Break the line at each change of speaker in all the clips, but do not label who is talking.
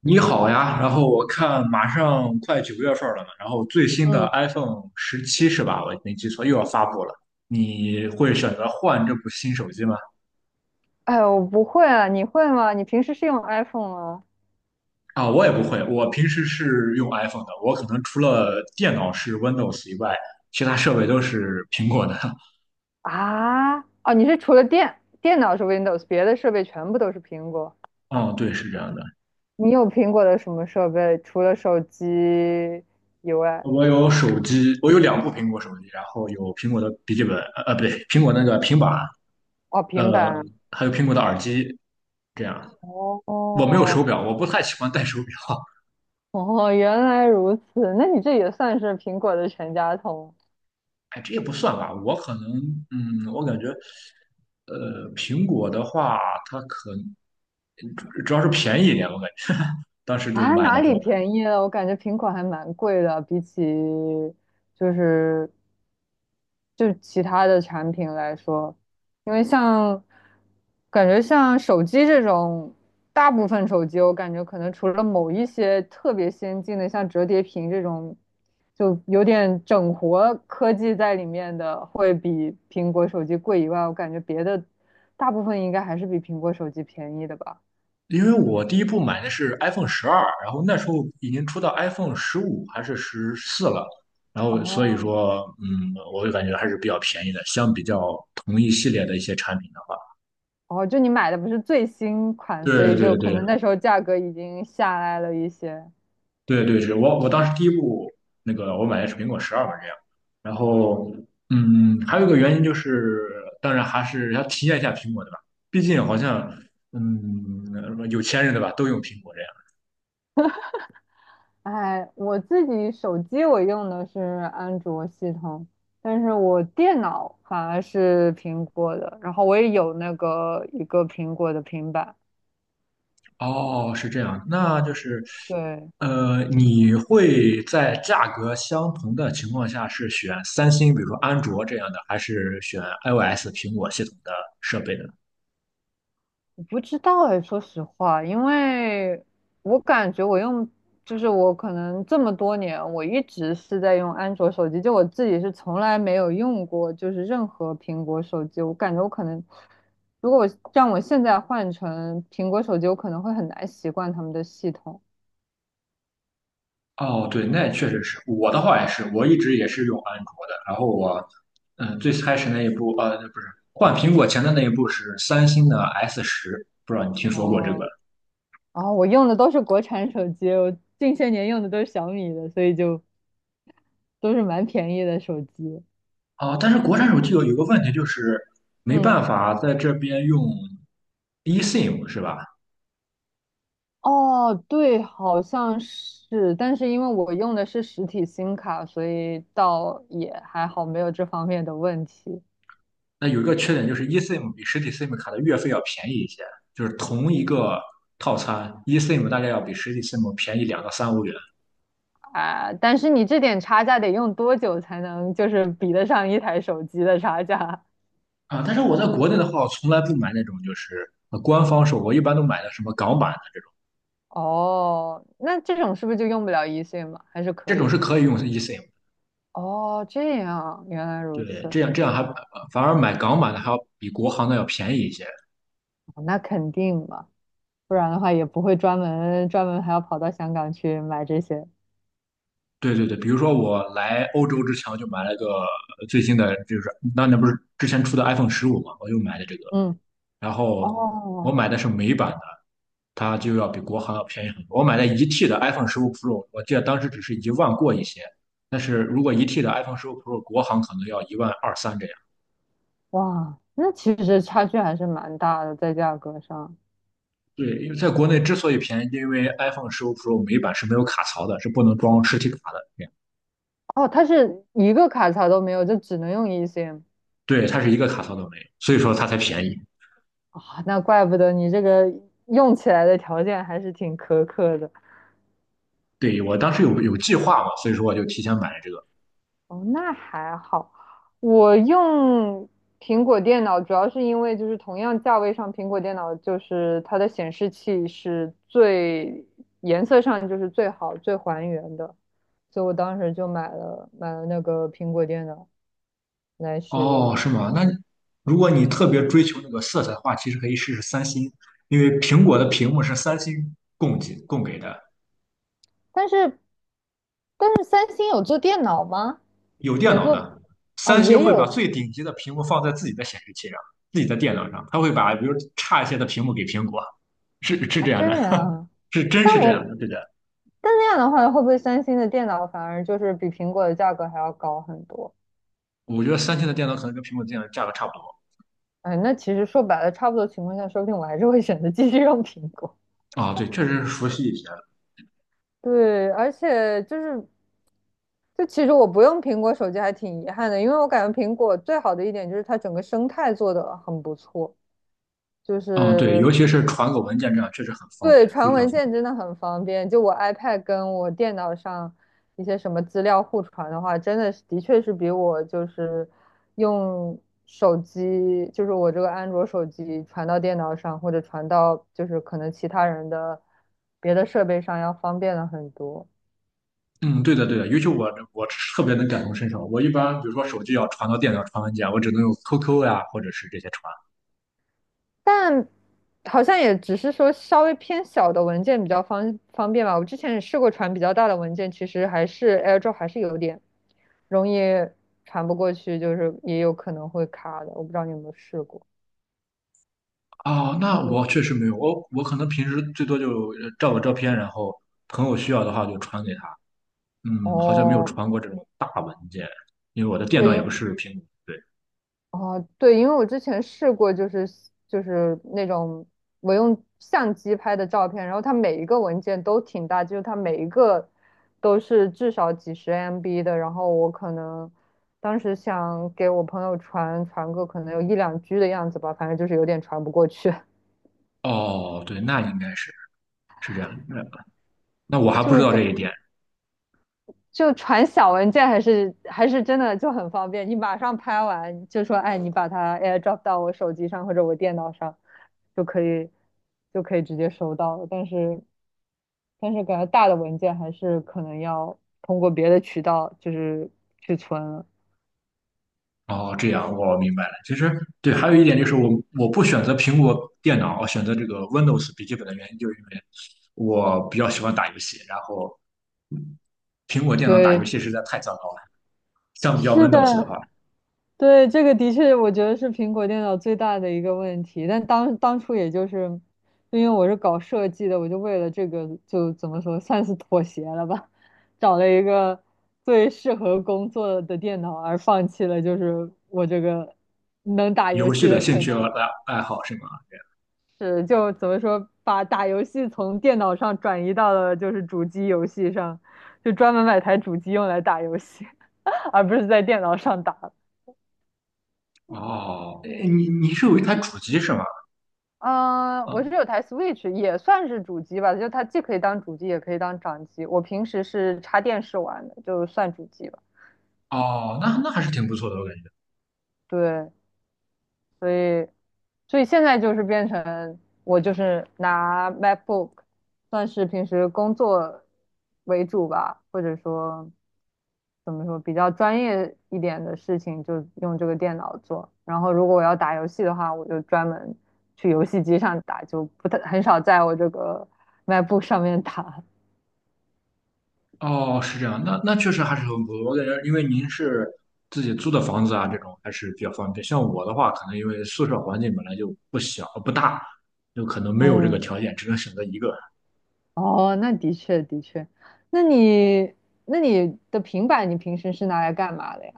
你好呀，然后我看马上快9月份了嘛，然后最新的
嗯，
iPhone 17是吧？我没记错，又要发布了。你会选择换这部新手机吗？
哎，我不会啊，你会吗？你平时是用 iPhone 吗？
啊，我也不会，我平时是用 iPhone 的，我可能除了电脑是 Windows 以外，其他设备都是苹果的。
啊，哦，你是除了电脑是 Windows，别的设备全部都是苹果。
嗯，对，是这样的。
你有苹果的什么设备？除了手机以外，
我有手机，我有2部苹果手机，然后有苹果的笔记本，不对，苹果那个平板，
哦，平
呃，
板。
还有苹果的耳机，这样。我没有
哦
手表，我不太喜欢戴手表。
哦，原来如此，那你这也算是苹果的全家桶
哎，这也不算吧，我可能，我感觉，苹果的话，它主要是便宜一点，我感觉当时就
啊？
买
哪
的时
里
候，
便宜了？我感觉苹果还蛮贵的，比起就是就是其他的产品来说，因为像感觉像手机这种，大部分手机我感觉可能除了某一些特别先进的，像折叠屏这种，就有点整活科技在里面的，会比苹果手机贵以外，我感觉别的大部分应该还是比苹果手机便宜的吧。
因为我第一部买的是 iPhone 十二，然后那时候已经出到 iPhone 十五还是14了，然后所以
哦
说，我就感觉还是比较便宜的，相比较同一系列的一些产品的话，
哦，就你买的不是最新款，所
对
以就
对
可
对，
能那时候价格已经下来了一些。
对对，是我当时第一部那个我买的是苹果十二嘛，这样。然后，还有一个原因就是，当然还是要体验一下苹果，的吧？毕竟好像，有钱人对吧，都用苹果这样。
哎，我自己手机我用的是安卓系统，但是我电脑反而是苹果的，然后我也有那个一个苹果的平板。
哦，是这样，那就是，
对，
你会在价格相同的情况下是选三星，比如说安卓这样的，还是选 iOS 苹果系统的设备呢？
我不知道哎，说实话，因为我感觉我用，就是我可能这么多年，我一直是在用安卓手机，就我自己是从来没有用过，就是任何苹果手机，我感觉我可能。如果我让我现在换成苹果手机，我可能会很难习惯他们的系统。
哦，对，那确实是我的话也是，我一直也是用安卓的。然后我，最开始那一部，不是换苹果前的那一部是三星的 S10，不知道你听说过这个？
哦，啊，我用的都是国产手机，我近些年用的都是小米的，所以就都是蛮便宜的手机。
啊？但是国产手机有个问题就是没办
嗯，
法在这边用 eSIM 是吧？
哦，对，好像是，但是因为我用的是实体 SIM 卡，所以倒也还好，没有这方面的问题
那有一个缺点就是 eSIM 比实体 SIM 卡的月费要便宜一些，就是同一个套餐，eSIM 大概要比实体 SIM 便宜2到3欧元。
啊。但是你这点差价得用多久才能就是比得上一台手机的差价？
啊，但是我在国内的话，我从来不买那种就是官方售，我一般都买的什么港版的这种，
哦，那这种是不是就用不了一岁嘛？还是
这
可
种
以？
是可以用 eSIM 的。
哦，这样，原来如
对，
此，
这样还反而买港版的还要比国行的要便宜一些。
哦那肯定嘛。不然的话也不会专门还要跑到香港去买这些。
对对对，比如说我来欧洲之前，我就买了个最新的，就是那不是之前出的 iPhone 十五嘛，我又买的这个，
嗯，
然后我
哦，
买的是美版的，它就要比国行要便宜很多。我买的一 T 的 iPhone 十五 Pro，我记得当时只是一万过一些，但是如果一 T 的 iPhone 十五 Pro 国行可能要一万二三这样。
哇，那其实差距还是蛮大的，在价格上。
对，因为在国内之所以便宜，因为 iPhone 十五 Pro 每一版是没有卡槽的，是不能装实体卡的。这样
哦，它是一个卡槽都没有，就只能用 e s m
对，它是一个卡槽都没有，所以说它才便宜。
啊，那怪不得你这个用起来的条件还是挺苛刻的。
对，我当时有计划嘛，所以说我就提前买了这个。
哦，那还好。我用苹果电脑主要是因为就是同样价位上，苹果电脑就是它的显示器是最颜色上就是最好最还原的，所以我当时就买了那个苹果电脑来使
哦，
用。
是吗？那如果你特别追求那个色彩的话，其实可以试试三星，因为苹果的屏幕是三星供给的，
但是但是三星有做电脑吗？
有电
有
脑
做
的，
哦，
三星
也
会把
有
最顶级的屏幕放在自己的显示器上，自己的电脑上，它会把比如差一些的屏幕给苹果，是
啊，
这样
这
的，
样。
是真
但
是这样的，
我
对的。
但那样的话，会不会三星的电脑反而就是比苹果的价格还要高很多？
我觉得三星的电脑可能跟苹果电脑价格差不多。
哎，那其实说白了，差不多情况下，说不定我还是会选择继续用苹果。
啊，对，确实是熟悉一些。
对，而且就是，就其实我不用苹果手机还挺遗憾的，因为我感觉苹果最好的一点就是它整个生态做得很不错，就
啊，对，尤
是
其是传个文件这样，确实很方
对，
便，非
传
常
文
方
件
便。
真的很方便。就我 iPad 跟我电脑上一些什么资料互传的话，真的是的确是比我就是用手机，就是我这个安卓手机传到电脑上，或者传到就是可能其他人的别的设备上要方便了很多。
嗯，对的，对的，尤其我特别能感同身受。我一般比如说手机要传到电脑传文件，我只能用 QQ 呀，或者是这些传。
但好像也只是说稍微偏小的文件比较方便吧。我之前也试过传比较大的文件，其实还是 AirDrop 还是有点容易传不过去，就是也有可能会卡的。我不知道你有没有试过，
啊。
就
那
是
我确实没有，我可能平时最多就照个照片，然后朋友需要的话就传给他。好像没有
哦，
传过这种大文件，因为我的电
对，
脑也不是苹果。对，
哦，对，因为我之前试过，就是就是那种我用相机拍的照片，然后它每一个文件都挺大，就是它每一个都是至少几十 MB 的，然后我可能当时想给我朋友传个可能有一两 G 的样子吧，反正就是有点传不过去，
哦，对，那应该是这样的。那我 还不知
就
道这
给。
一点。
就传小文件还是真的就很方便，你马上拍完就说，哎，你把它 AirDrop 到我手机上或者我电脑上，就可以就可以直接收到了。但是感觉大的文件还是可能要通过别的渠道就是去存了。
哦，这样我明白了。其实对，还有一点就是我不选择苹果电脑，我选择这个 Windows 笔记本的原因，就是因为我比较喜欢打游戏，然后苹果电脑打游
对，
戏实在太糟糕了。相比较
是
Windows 的
的，
话，
对，这个的确，我觉得是苹果电脑最大的一个问题。但当初也就是，就因为我是搞设计的，我就为了这个就怎么说，算是妥协了吧，找了一个最适合工作的电脑，而放弃了就是我这个能打游
游
戏
戏的
的
兴
可
趣和
能
爱好是吗？
是就怎么说，把打游戏从电脑上转移到了就是主机游戏上，就专门买台主机用来打游戏，而不是在电脑上打。
哦，诶你是有一台主机是吗？
嗯，我是
嗯，
有台 Switch，也算是主机吧，就它既可以当主机，也可以当掌机。我平时是插电视玩的，就算主机吧。
哦，那还是挺不错的，我感觉。
对，所以，所以现在就是变成我就是拿 MacBook，算是平时工作为主吧，或者说怎么说比较专业一点的事情就用这个电脑做。然后如果我要打游戏的话，我就专门去游戏机上打，就不太很少在我这个 MacBook 上面打。
哦，是这样，那确实还是很不错。我感觉，因为您是自己租的房子啊，这种还是比较方便。像我的话，可能因为宿舍环境本来就不大，就可能没有这个
嗯，
条件，只能选择一个。
哦，那的确的确，那你那你的平板你平时是拿来干嘛的呀？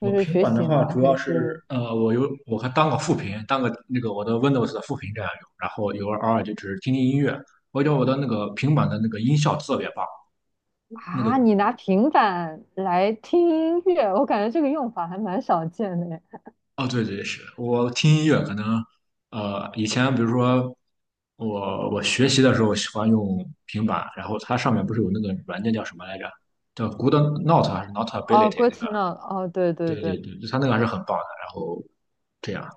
就
我
是
平
学
板的
习
话，
吗？
主
还
要是
是
我还当个副屏，当个那个我的 Windows 的副屏这样用，然后有偶尔就只是听听音乐。我觉得我的那个平板的那个音效特别棒，那个
啊，你拿平板来听音乐？我感觉这个用法还蛮少见的耶
哦，对对是，我听音乐可能，以前比如说我学习的时候喜欢用平板，然后它上面不是有那个软件叫什么来着？叫 Good Note 还是
哦 g
Notability
r e
那个？
t n o know。哦，对对
对对
对，
对，它那个还是很棒的。然后这样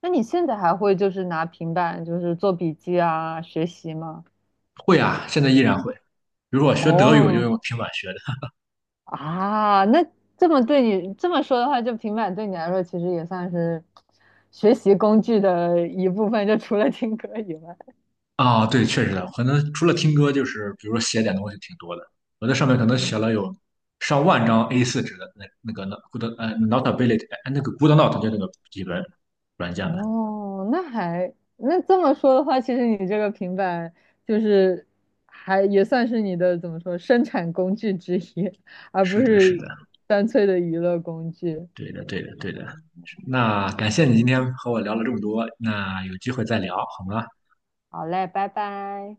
那你现在还会就是拿平板就是做笔记啊，学习吗？
会啊，现在依然会。比如说我学德语，我就
哦，
用平板学的。
啊，那这么对你这么说的话，就平板对你来说其实也算是学习工具的一部分，就除了听歌以外。
啊，对，确实的，可能除了听歌，就是比如说写点东西挺多的。我在上面可能写
嗯
了有上万张 A4 纸的那个 Good Notability 那个 Good Note 就那个笔记本软件的。
哦，那这么说的话，其实你这个平板就是还也算是你的怎么说生产工具之一，而不
是的，是
是
的，
单粹的娱乐工具。
对的，对的，对的。那感谢你今天和我聊了这么多，那有机会再聊好吗？
好嘞，拜拜。